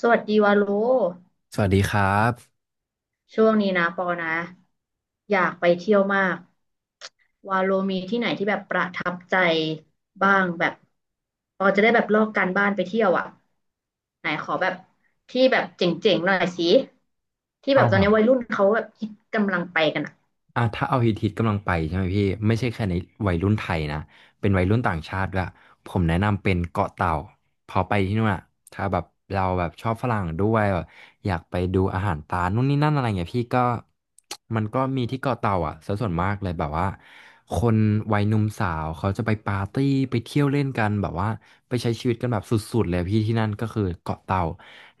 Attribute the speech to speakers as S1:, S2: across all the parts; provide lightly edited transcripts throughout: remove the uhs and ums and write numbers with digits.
S1: สวัสดีวาโล
S2: สวัสดีครับ
S1: ช่วงนี้นะปอนะอยากไปเที่ยวมาก วาโลมีที่ไหนที่แบบประทับใจบ้างแบบปอจะได้แบบลอกการบ้านไปเที่ยวอ่ะไหนขอแบบที่แบบเจ๋งๆหน่อยสิที่แบ
S2: เอา
S1: บตอนนี้วัยรุ่นเขาแบบคิดกำลังไปกันอ่ะ
S2: อ่ะถ้าเอาฮิตฮิตกำลังไปใช่ไหมพี่ไม่ใช่แค่ในวัยรุ่นไทยนะเป็นวัยรุ่นต่างชาติด้วยผมแนะนำเป็นเกาะเต่าพอไปที่นู่นอ่ะถ้าแบบเราแบบชอบฝรั่งด้วยแบบอยากไปดูอาหารตานู่นนี่นั่นอะไรเงี้ยพี่ก็มันก็มีที่เกาะเต่าอ่ะซะส่วนมากเลยแบบว่าคนวัยหนุ่มสาวเขาจะไปปาร์ตี้ไปเที่ยวเล่นกันแบบว่าไปใช้ชีวิตกันแบบสุดๆเลยพี่ที่นั่นก็คือเกาะเต่า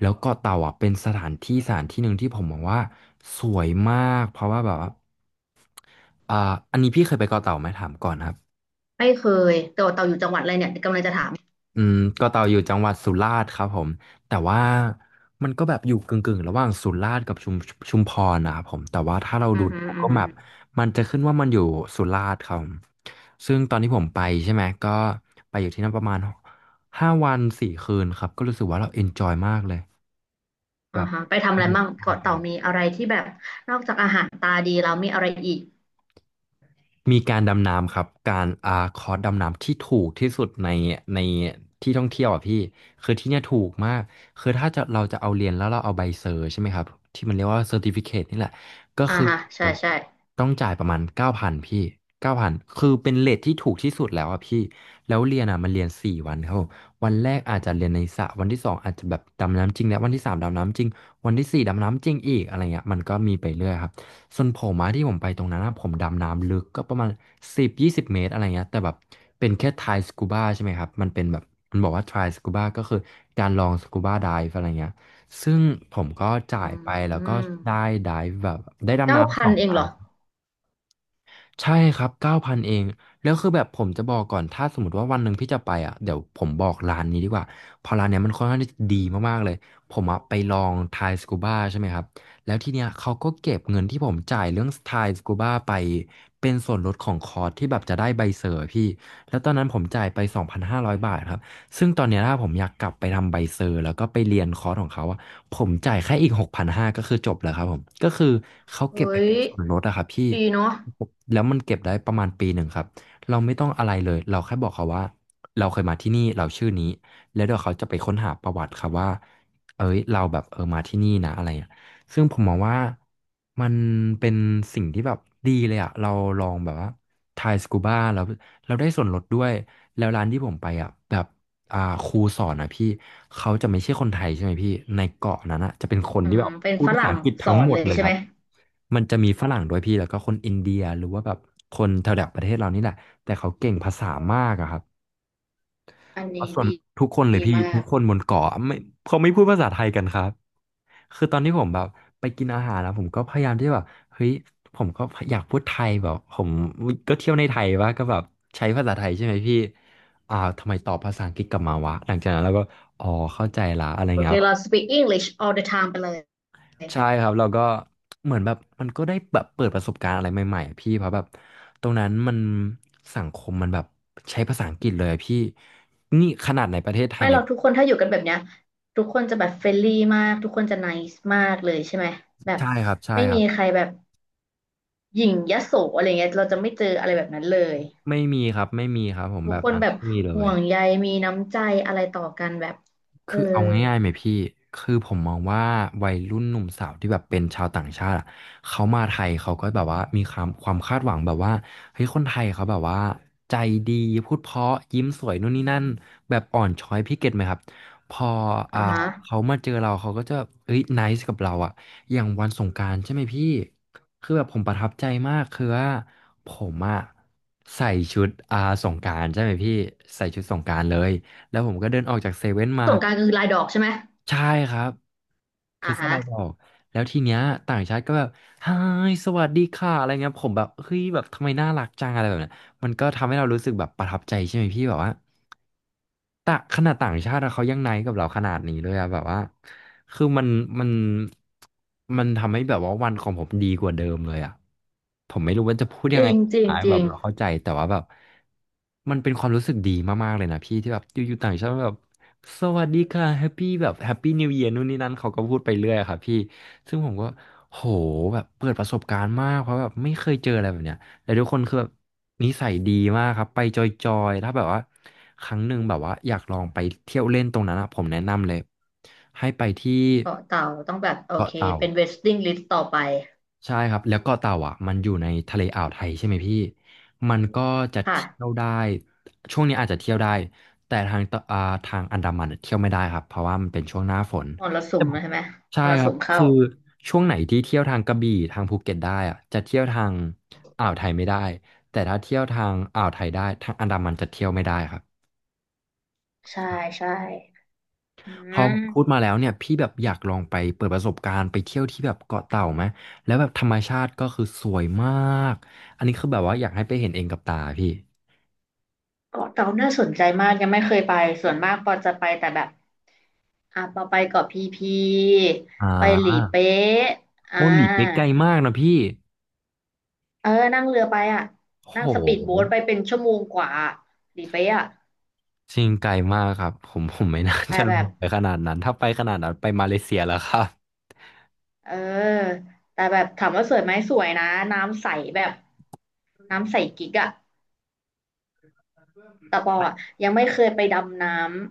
S2: แล้วเกาะเต่าอ่ะเป็นสถานที่สถานที่หนึ่งที่ผมมองว่าสวยมากเพราะว่าแบบว่า อ่าอันนี้พี่เคยไปเกาะเต่าไหมถามก่อนครับ
S1: ไม่เคยเต่าเต่าอยู่จังหวัดอะไรเนี่ยกำลังจะถาม
S2: อืมเกาะเต่าอยู่จังหวัดสุราษฎร์ครับผมแต่ว่ามันก็แบบอยู่กึ่งๆระหว่างสุราษฎร์กับชุมพรนะครับผมแต่ว่าถ้าเรา
S1: อื
S2: ดู
S1: อฮึอือ
S2: Google
S1: ฮึ
S2: Map มันจะขึ้นว่ามันอยู่สุราษฎร์ครับผมซึ่งตอนที่ผมไปใช่ไหมก็ไปอยู่ที่นั่นประมาณ5 วัน 4 คืนครับก็รู้สึกว่าเราเอนจอยมากเลยแบ
S1: อ่า
S2: บ
S1: ฮะไปทำ
S2: ส
S1: อะไร
S2: นุก
S1: มั่ง
S2: มา
S1: เกาะเต่า
S2: ก
S1: มีอะไรที่แบบนอกจากอาหารตาดีแล้วมีอะไรอีก
S2: มีการดำน้ำครับการคอร์สดำน้ำที่ถูกที่สุดในที่ท่องเที่ยวอ่ะพี่คือที่เนี่ยถูกมากคือถ้าจะเราจะเอาเรียนแล้วเราเอาใบเซอร์ใช่ไหมครับที่มันเรียกว่าเซอร์ติฟิเคนี่แหละก็
S1: อ่า
S2: คือ
S1: ฮะใช่ใช่
S2: ต้องจ่ายประมาณเก้าพันพี่เก้าพันคือเป็นเรทที่ถูกที่สุดแล้วอ่ะพี่แล้วเรียนอ่ะมันเรียน4 วันครับผมวันแรกอาจจะเรียนในสระวันที่สองอาจจะแบบดำน้ำจริงแล้ววันที่สามดำน้ำจริงวันที่สี่ดำน้ำจริงอีกอะไรเงี้ยมันก็มีไปเรื่อยครับ ส่วนผมอะที่ผมไปตรงนั้นอะผมดำน้ำลึกก็ประมาณ10-20 เมตรอะไรเงี้ยแต่แบบเป็นแค่ทายสกูบ้าใช่ไหมครับมันเป็นแบบมันบอกว่าทายสกูบ้าก็คือการลองสกูบ้า i ด e อะไรเงี้ยซึ่งผมก็จ่า
S1: อื
S2: ยไปแล้วก็
S1: ม
S2: ได้ dive แบบได้ดำ
S1: เก้า
S2: น้ำส
S1: พัน
S2: อง
S1: เอ
S2: ได
S1: งเหรอ
S2: ใช่ครับ9,000เอง แล้วคือแบบผมจะบอกก่อน ถ้าสมมติว่าวันหนึ่งพี่จะไปอ่ะเดี๋ยวผมบอกร้านนี้ดีกว่าเพอร้านเนี้ยมันค่อนข้างที่จะดีมากๆเลย ผมอ่ะไปลองทายสกูบ้าใช่ไหมครับ แล้วทีเนี้ยเขาก็เก็บเงินที่ผมจ่ายเรื่องทายสกูบ้าไปเป็นส่วนลดของคอร์สที่แบบจะได้ใบเซอร์พี่ แล้วตอนนั้นผมจ่ายไป 2,500 บาทครับ ซึ่งตอนเนี้ยถ้าผมอยากกลับไปทำใบเซอร์แล้วก็ไปเรียนคอร์สของเขาอะผมจ่ายแค่อีก6,500กพันห้าร้อยก็คือจบแล้วครับผมก็คือเขา
S1: เฮ้
S2: เก็บไป
S1: ย
S2: เป็นส่วนลดอะครับพี่
S1: ดีเนาะ
S2: แล้วมันเก็บได้ประมาณปีหนึ่งครับ เราไม่ต้องอะไรเลย เราแค่บอกเขาว่าเราเคยมาที่นี่เราชื่อนี้ แล้วเดี๋ยวเขาจะไปค้นหาประวัติครับว่าเอ้ยเราแบบเออมาที่นี่นะอะไรอย่างเงี้ยซึ่งผมมองว่ามันเป็นสิ่งที่แบบดีเลยอะเราลองแบบว่าทายสกูบ้าแล้วเราได้ส่วนลดด้วยแล้วร้านที่ผมไปอะแบบอ่าครูสอนนะพี่เขาจะไม่ใช่คนไทยใช่ไหมพี่ในเกาะนั้นอะจะเป็นคน
S1: อื
S2: ที่
S1: ม
S2: แบบ
S1: เป็น
S2: พูด
S1: ฝ
S2: ภาษา
S1: รั่ง
S2: อังกฤษ
S1: ส
S2: ทั้
S1: อ
S2: ง
S1: น
S2: หม
S1: เล
S2: ด
S1: ย
S2: เลย
S1: ใช่
S2: ค
S1: ไห
S2: รั
S1: ม
S2: บ มันจะมีฝรั่งด้วยพี่แล้วก็คนอินเดียหรือว่าแบบคนแถวๆประเทศเรานี่แหละแต่เขาเก่งภาษามากอะครับ
S1: อัน
S2: เพราะ
S1: นี้
S2: ส่วน
S1: ดี
S2: ทุกคนเลย
S1: ดี
S2: พี่
S1: มา
S2: ทุ
S1: ก
S2: กคนบนเกาะไม่เขาไม่พูดภาษาไทยกันครับคือตอนที่ผมแบบไปกินอาหารแล้วผมก็พยายามที่แบบเฮ้ยผมก็อยากพูดไทยแบบผมก็เที่ยวในไทยว่าก็แบบใช้ภาษาไทยใช่ไหมพี่ทำไมตอบภาษาอังกฤษกลับมาวะหลังจากนั้นเราก็อ๋อเข้าใจละอะไร
S1: โอ
S2: เงี้
S1: เค
S2: ย
S1: เรา speak English all the time ไปเลย
S2: ใช่ครับเราก็เหมือนแบบมันก็ได้แบบเปิดประสบการณ์อะไรใหม่ๆอะพี่เพราะแบบตรงนั้นมันสังคมมันแบบใช้ภาษาอังกฤษเลยอะพี่นี่ขนาดในประเทศไทย
S1: ไม่
S2: ใน
S1: เราทุกคนถ้าอยู่กันแบบเนี้ยทุกคนจะแบบเฟรนลี่มากทุกคนจะ nice มากเลยใช่ไหมแบบ
S2: ใช่ครับใช่
S1: ไม่
S2: ครั
S1: มี
S2: บ
S1: ใครแบบหยิ่งยโสอะไรเงี้ยเราจะไม่เจออะไรแบบนั้นเลย
S2: ไม่มีครับไม่มีครับผม
S1: ทุ
S2: แบ
S1: ก
S2: บ
S1: คน
S2: นั้น
S1: แบบ
S2: ไม่มีเล
S1: ห่
S2: ย
S1: วงใยมีน้ำใจอะไรต่อกันแบบเออ
S2: คือเอาง่ายๆไหมพี่ คือผมมองว่าวัยรุ่นหนุ่มสาวที่แบบเป็นชาวต่างชาติอะเขามาไทยเขาก็แบบว่ามีความคาดหวังแบบว่าเฮ้ยคนไทยเขาแบบว่าใจดีพูดเพราะยิ้มสวยนู่นนี่นั่นแบบอ่อนช้อยพี่เก็ตไหมครับพออ่า
S1: อ่าฮะ
S2: เขามาเจอเราเขาก็จะเอ้ยไนซ์กับเราอะอย่างวันสงกรานต์ใช่ไหมพี่คือแบบผมประทับใจมากคือว่าผมอะใส่ชุดสงกรานต์ใช่ไหมพี่ใส่ชุดสงกรานต์เลยแล้วผมก็เดินออกจากเซเว่นมา
S1: สงกรานต์คือลายดอกใช่ไหม
S2: ใช่ครับคื
S1: อ่า
S2: อเสื้อ
S1: ฮะ
S2: ลายดอก แล้วทีเนี้ยต่างชาติก็แบบไฮายสวัสดีค่ะ อะไรเงี้ย ผมแบบ เฮ้ย แบบทำไมน่ารักจังอะไรแบบเนี้ยมันก็ทำให้เรารู้สึกแบบประทับใจใช่ไหมพี่ แบบว่า ต่างขนาดต่างชาติอะเขายังไนท์กับเราขนาดนี้เลยอะแบบว่าคือมันมันทำให้แบบว่าวันของผมดีกว่าเดิมเลยอะผมไม่รู้ว่าจะพูด
S1: จ
S2: ยัง
S1: ริ
S2: ไง
S1: งจริง
S2: อาย
S1: จ
S2: แบ
S1: ริ
S2: บ
S1: ง
S2: เราเข้าใจแต่ว่าแบบมันเป็นความรู้สึกดีมากๆเลยนะพี่ที่แบบอยู่ๆต่างชาติแบบสวัสดีค่ะแฮปปี้แบบแฮปปี้นิวเย r นู่นนี่นั่นเขาก็พูดไปเรื่อยอะครับพี่ซึ่งผมก็โหแบบเปิดประสบการณ์มากเพราะแบบไม่เคยเจออะไรแบบเนี้ย แต่ทุกคนคือแบบนิสัยดีมากครับไปจอยๆถ้าแบบว่าครั้งหนึ่งแบบว่าอยากลองไปเที่ยวเล่นตรงนั้นอะผมแนะนำเลยให้ไปที่
S1: เกาะเต่าต้องแบบโอ
S2: เกาะ
S1: เค
S2: เต่า
S1: เป็นเวสติ n งลิสต์ต่อไป
S2: ใช่ครับแล้วเกาะเต่าอ่ะมันอยู่ในทะเลอ่าวไทยใช่ไหมพี่มันก็จะเที่ยว
S1: ค่ะ
S2: ได้ช่วงนี้อาจจะเที่ยวได้แต่ทางอันดามันอะเที่ยวไม่ได้ครับเพราะว่ามันเป็นช่วงหน้าฝน
S1: มรสุมนะใช่ไหม
S2: ใช่
S1: มร
S2: ครั
S1: สุ
S2: บ
S1: มเข้า
S2: คือช่วงไหนที่เที่ยวทางกระบี่ทางภูเก็ตได้อะจะเที่ยวทางอ่าวไทยไม่ได้แต่ถ้าเที่ยวทางอ่าวไทยได้ทางอันดามันจะเที่ยวไม่ได้ครับ
S1: ใช่ใช่อื
S2: พอ
S1: ม
S2: พูดมาแล้วเนี่ยพี่แบบอยากลองไปเปิดประสบการณ์ไปเที่ยวที่แบบเกาะเต่าไหมแล้วแบบธรรมชาติก็คือสวยมากอันนี้คือแบบว่าอยากให้ไปเห็นเองกับตาพี่
S1: เกาะเต่าน่าสนใจมากยังไม่เคยไปส่วนมากปอจะไปแต่แบบอ่ะปอไปเกาะพีพี
S2: อ่
S1: ไปหลี
S2: า
S1: เป๊ะอ่า
S2: โอ้หนีไปไกลมากนะพี่
S1: เออนั่งเรือไปอ่ะนั่
S2: โ
S1: งสปีดโบ๊
S2: ห
S1: ทไปเป็นชั่วโมงกว่าหลีเป๊ะอ่ะ
S2: จริงไกลมากครับผมผมไม่น่า
S1: แต่
S2: จะล
S1: แบบ
S2: งไปขนาดนั้นถ้าไปขนาดนั้นไปมาเลเซียแล้วครับ
S1: เออแต่แบบถามว่าสวยไหมสวยนะน้ำใสแบบน้ำใสกิ๊กอ่ะ แต่ปออะยังไม่เคยไปดำน้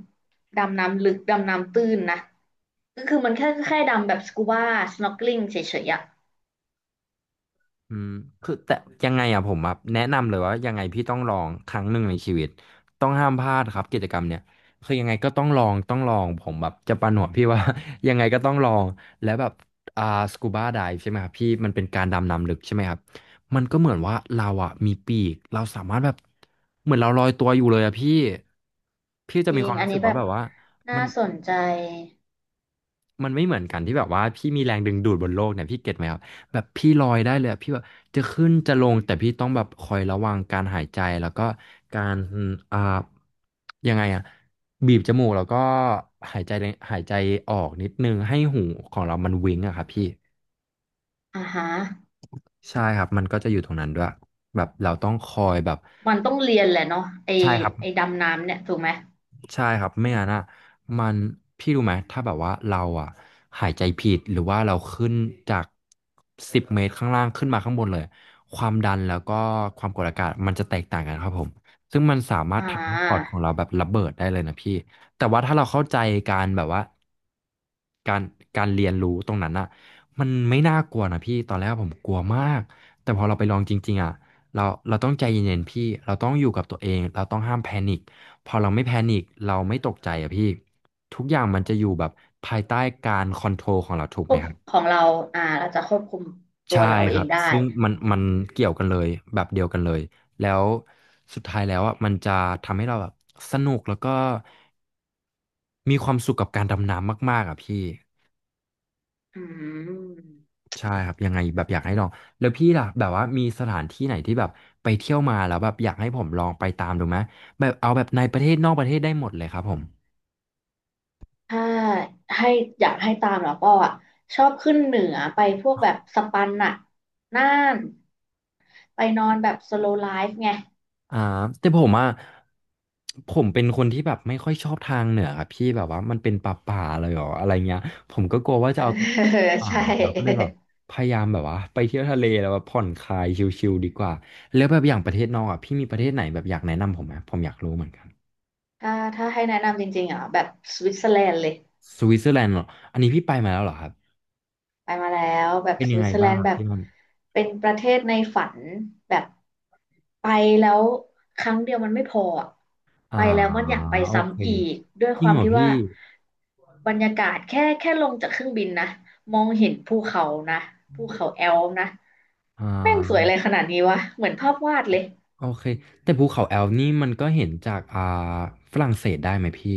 S1: ำดำน้ำลึกดำน้ำตื้นนะก็คือมันแค่แค่ดำแบบสกูบาสน็อกลิ n งเฉยๆอะ
S2: อืมคือแต่ยังไงอะผมแบบแนะนำเลยว่ายังไงพี่ต้องลองครั้งหนึ่งในชีวิตต้องห้ามพลาดครับกิจกรรมเนี่ยคือยังไงก็ต้องลองผมแบบจะประหนวดพี่ว่า ยังไงก็ต้องลองแล้วแบบอ่าสกูบาไดฟ์ใช่ไหมครับพี่มันเป็นการดำน้ำลึกใช่ไหมครับมันก็เหมือนว่าเราอะมีปีกเราสามารถแบบเหมือนเราลอยตัวอยู่เลยอะพี่พี่จะ
S1: จริ
S2: มีค
S1: ง
S2: วาม
S1: อัน
S2: รู้สึ
S1: นี้
S2: ก
S1: แบ
S2: ว่า
S1: บ
S2: แบบว่า
S1: น่า
S2: มัน
S1: สนใจ
S2: มันไม่เหมือนกันที่แบบว่าพี่มีแรงดึงดูดบนโลกเนี่ยพี่เก็ตไหมครับแบบพี่ลอยได้เลยอะพี่แบบจะขึ้นจะลงแต่พี่ต้องแบบคอยระวังการหายใจแล้วก็การอ่ายังไงอะบีบจมูกแล้วก็หายใจหายใจออกนิดนึงให้หูของเรามันวิงอะครับพี่
S1: อ่าฮะ
S2: ใช่ครับมันก็จะอยู่ตรงนั้นด้วยแบบเราต้องคอยแบบ
S1: มันต้องเรียนแหละเนาะไอ
S2: ใช่ครับ
S1: ไอดำน้ำเนี่ยถูกไหม
S2: ใช่ครับไม่งั้นอ่ะมันพี่รู้ไหมถ้าแบบว่าเราอ่ะหายใจผิดหรือว่าเราขึ้นจาก10 เมตรข้างล่างขึ้นมาข้างบนเลยความดันแล้วก็ความกดอากาศมันจะแตกต่างกันครับผมซึ่งมันสามาร
S1: อ่
S2: ถทำให้ปอด
S1: า
S2: ของเราแบบระเบิดได้เลยนะพี่แต่ว่าถ้าเราเข้าใจการแบบว่าการการเรียนรู้ตรงนั้นอ่ะมันไม่น่ากลัวนะพี่ตอนแรกผมกลัวมากแต่พอเราไปลองจริงๆอ่ะเราเราต้องใจเย็นๆพี่เราต้องอยู่กับตัวเองเราต้องห้ามแพนิค พอเราไม่แพนิคเราไม่ตกใจอะพี่ทุกอย่างมันจะอยู่แบบภายใต้การคอนโทรลของเราถูก
S1: ค
S2: ไหม
S1: วบ
S2: ครับ
S1: ของเราอ่าเราจะควบคุมตัว
S2: ใช่
S1: เรา
S2: ค
S1: เอ
S2: รั
S1: ง
S2: บ
S1: ได้
S2: ซึ่งมันเกี่ยวกันเลยแบบเดียวกันเลยแล้วสุดท้ายแล้วอ่ะมันจะทำให้เราแบบสนุกแล้วก็มีความสุขกับการดำน้ำมากๆอ่ะพี่
S1: อืม
S2: ใช่ครับยังไงแบบอยากให้ลองแล้วพี่ล่ะแบบว่ามีสถานที่ไหนที่แบบไปเที่ยวมาแล้วแบบอยากให้ผมลองไปตามดูไหมแบบเอาแบบในประเทศนอกประเทศได้หมดเลยครับผม
S1: ถ้าให้อยากให้ตามแล้วก็อ่ะชอบขึ้นเหนือไปพวกแบบสปันน่ะน่าน ไปนอนแบบ slow life ไง
S2: อ่าแต่ผมอ่ะผมเป็นคนที่แบบไม่ค่อยชอบทางเหนือครับพี่แบบว่ามันเป็นป่าเลยเหรออะไรเงี้ยผมก็กลัวว่า
S1: เอ
S2: จะ
S1: อ
S2: เอาตัว ป่า
S1: ใช่
S2: ละเราก็เลยแบบพยายามแบบว่าไปเที่ยวทะเลแล้วแบบผ่อนคลายชิลๆดีกว่าแล้วแบบอย่างประเทศนอกอ่ะพี่มีประเทศไหนแบบอยากแนะนำผมไหมผมอยากรู้เหมือนกัน
S1: ถ้าถ้าให้แนะนำจริงๆอ่ะแบบสวิตเซอร์แลนด์เลย
S2: สวิตเซอร์แลนด์เหรออันนี้พี่ไปมาแล้วเหรอครับ
S1: ไปมาแล้วแบบ
S2: เป็น
S1: ส
S2: ยัง
S1: วิ
S2: ไง
S1: ตเซอร์แล
S2: บ้า
S1: น
S2: ง
S1: ด์แบบ
S2: ที่นั่น
S1: เป็นประเทศในฝัน แบบไปแล้วครั้งเดียวมันไม่พออะ
S2: อ่า
S1: ไปแล้วมันอยากไป
S2: โอเค
S1: ซ้ำอีก ด้วย
S2: จ
S1: ค
S2: ริง
S1: วาม
S2: เหรอ
S1: ที่
S2: พี่
S1: ว่าบรรยากาศแค่แค่ลงจากเครื่องบินนะ มองเห็นภูเขานะภูเขาแอลป์นะ
S2: อ่
S1: แม่งสวยอะ
S2: า
S1: ไรขนาดนี้วะ เหมือนภาพวาดเลย
S2: โอเคแต่ภูเขาแอลป์นี่มันก็เห็นจากฝรั่งเศสได้ไหมพี่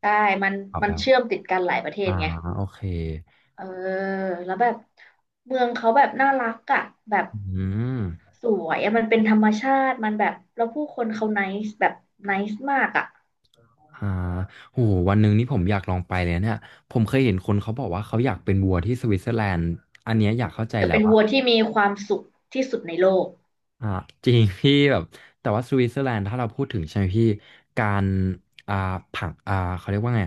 S1: ใช่มัน
S2: ออก
S1: มัน
S2: แล้ว
S1: เชื่อมติดกันหลายประเทศ
S2: อ่า
S1: ไง
S2: โอเค
S1: เออแล้วแบบเมืองเขาแบบน่ารักอะแบบ
S2: อืม
S1: สวยอะมันเป็นธรรมชาติมันแบบแล้วผู้คนเขา n น c e แบบไน c e มากอะ
S2: อ่าโหวันหนึ่งนี่ผมอยากลองไปเลยเนี่ยผมเคยเห็นคนเขาบอกว่าเขาอยากเป็นวัวที่สวิตเซอร์แลนด์อันเนี้ยอยากเข้าใจ
S1: จะ
S2: แล้ว
S1: เป็น
S2: ว่า
S1: วัวที่มีความสุขที่สุดในโลก
S2: อ่าจริงพี่แบบ แต่ว่าสวิตเซอร์แลนด์ถ้าเราพูดถึงใช่ไหมพี่การอ่าผังเขาเรียกว่าไง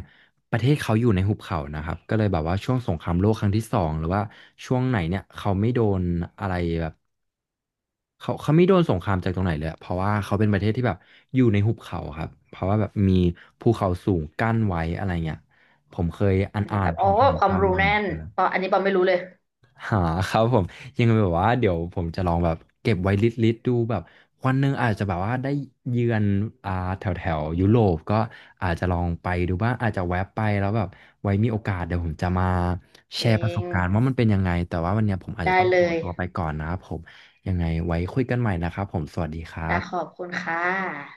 S2: ประเทศเขาอยู่ในหุบเขานะครับ ก็เลยแบบว่าช่วงสงครามโลกครั้งที่สองหรือว่าช่วงไหนเนี่ยเขาไม่โดนอะไรแบบ เขาไม่โดนสงครามจากตรงไหนเลยอะเพราะว่าเขาเป็นประเทศที่แบบอยู่ในหุบเขาครับเพราะว่าแบบมีภูเขาสูงกั้นไว้อะไรเงี้ยผมเคยอ่าน
S1: อันนี้
S2: อ่า
S1: แบ
S2: น
S1: บ
S2: ผ
S1: อ๋อ
S2: ่าน
S1: ค
S2: ๆ
S1: วาม
S2: ตาม
S1: รู้
S2: มา
S1: แน่
S2: เหมือน
S1: น
S2: กัน
S1: ปออันนี้ปอไม่รู้เลย
S2: หาครับผมยังแบบว่าเดี๋ยวผมจะลองแบบเก็บไว้ลิสต์ดูแบบวันหนึ่งอาจจะแบบว่าได้เยือนอ่าแถวแถวยุโรปก็อาจจะลองไปดูบ้างอาจจะแวะไปแล้วแบบไว้มีโอกาสเดี๋ยวผมจะมาแช
S1: เอ
S2: ร์ประส
S1: ง
S2: บการณ์ว่ามันเป็นยังไงแต่ว่าวันเนี้ยผมอาจ
S1: ได้
S2: จะต้องข
S1: เล
S2: อ
S1: ย
S2: ตัวไปก่อนนะครับผมยังไงไว้คุยกันใหม่นะครับผมสวัสดีครั
S1: จ้ะขอ
S2: บ
S1: บคุณค่ะ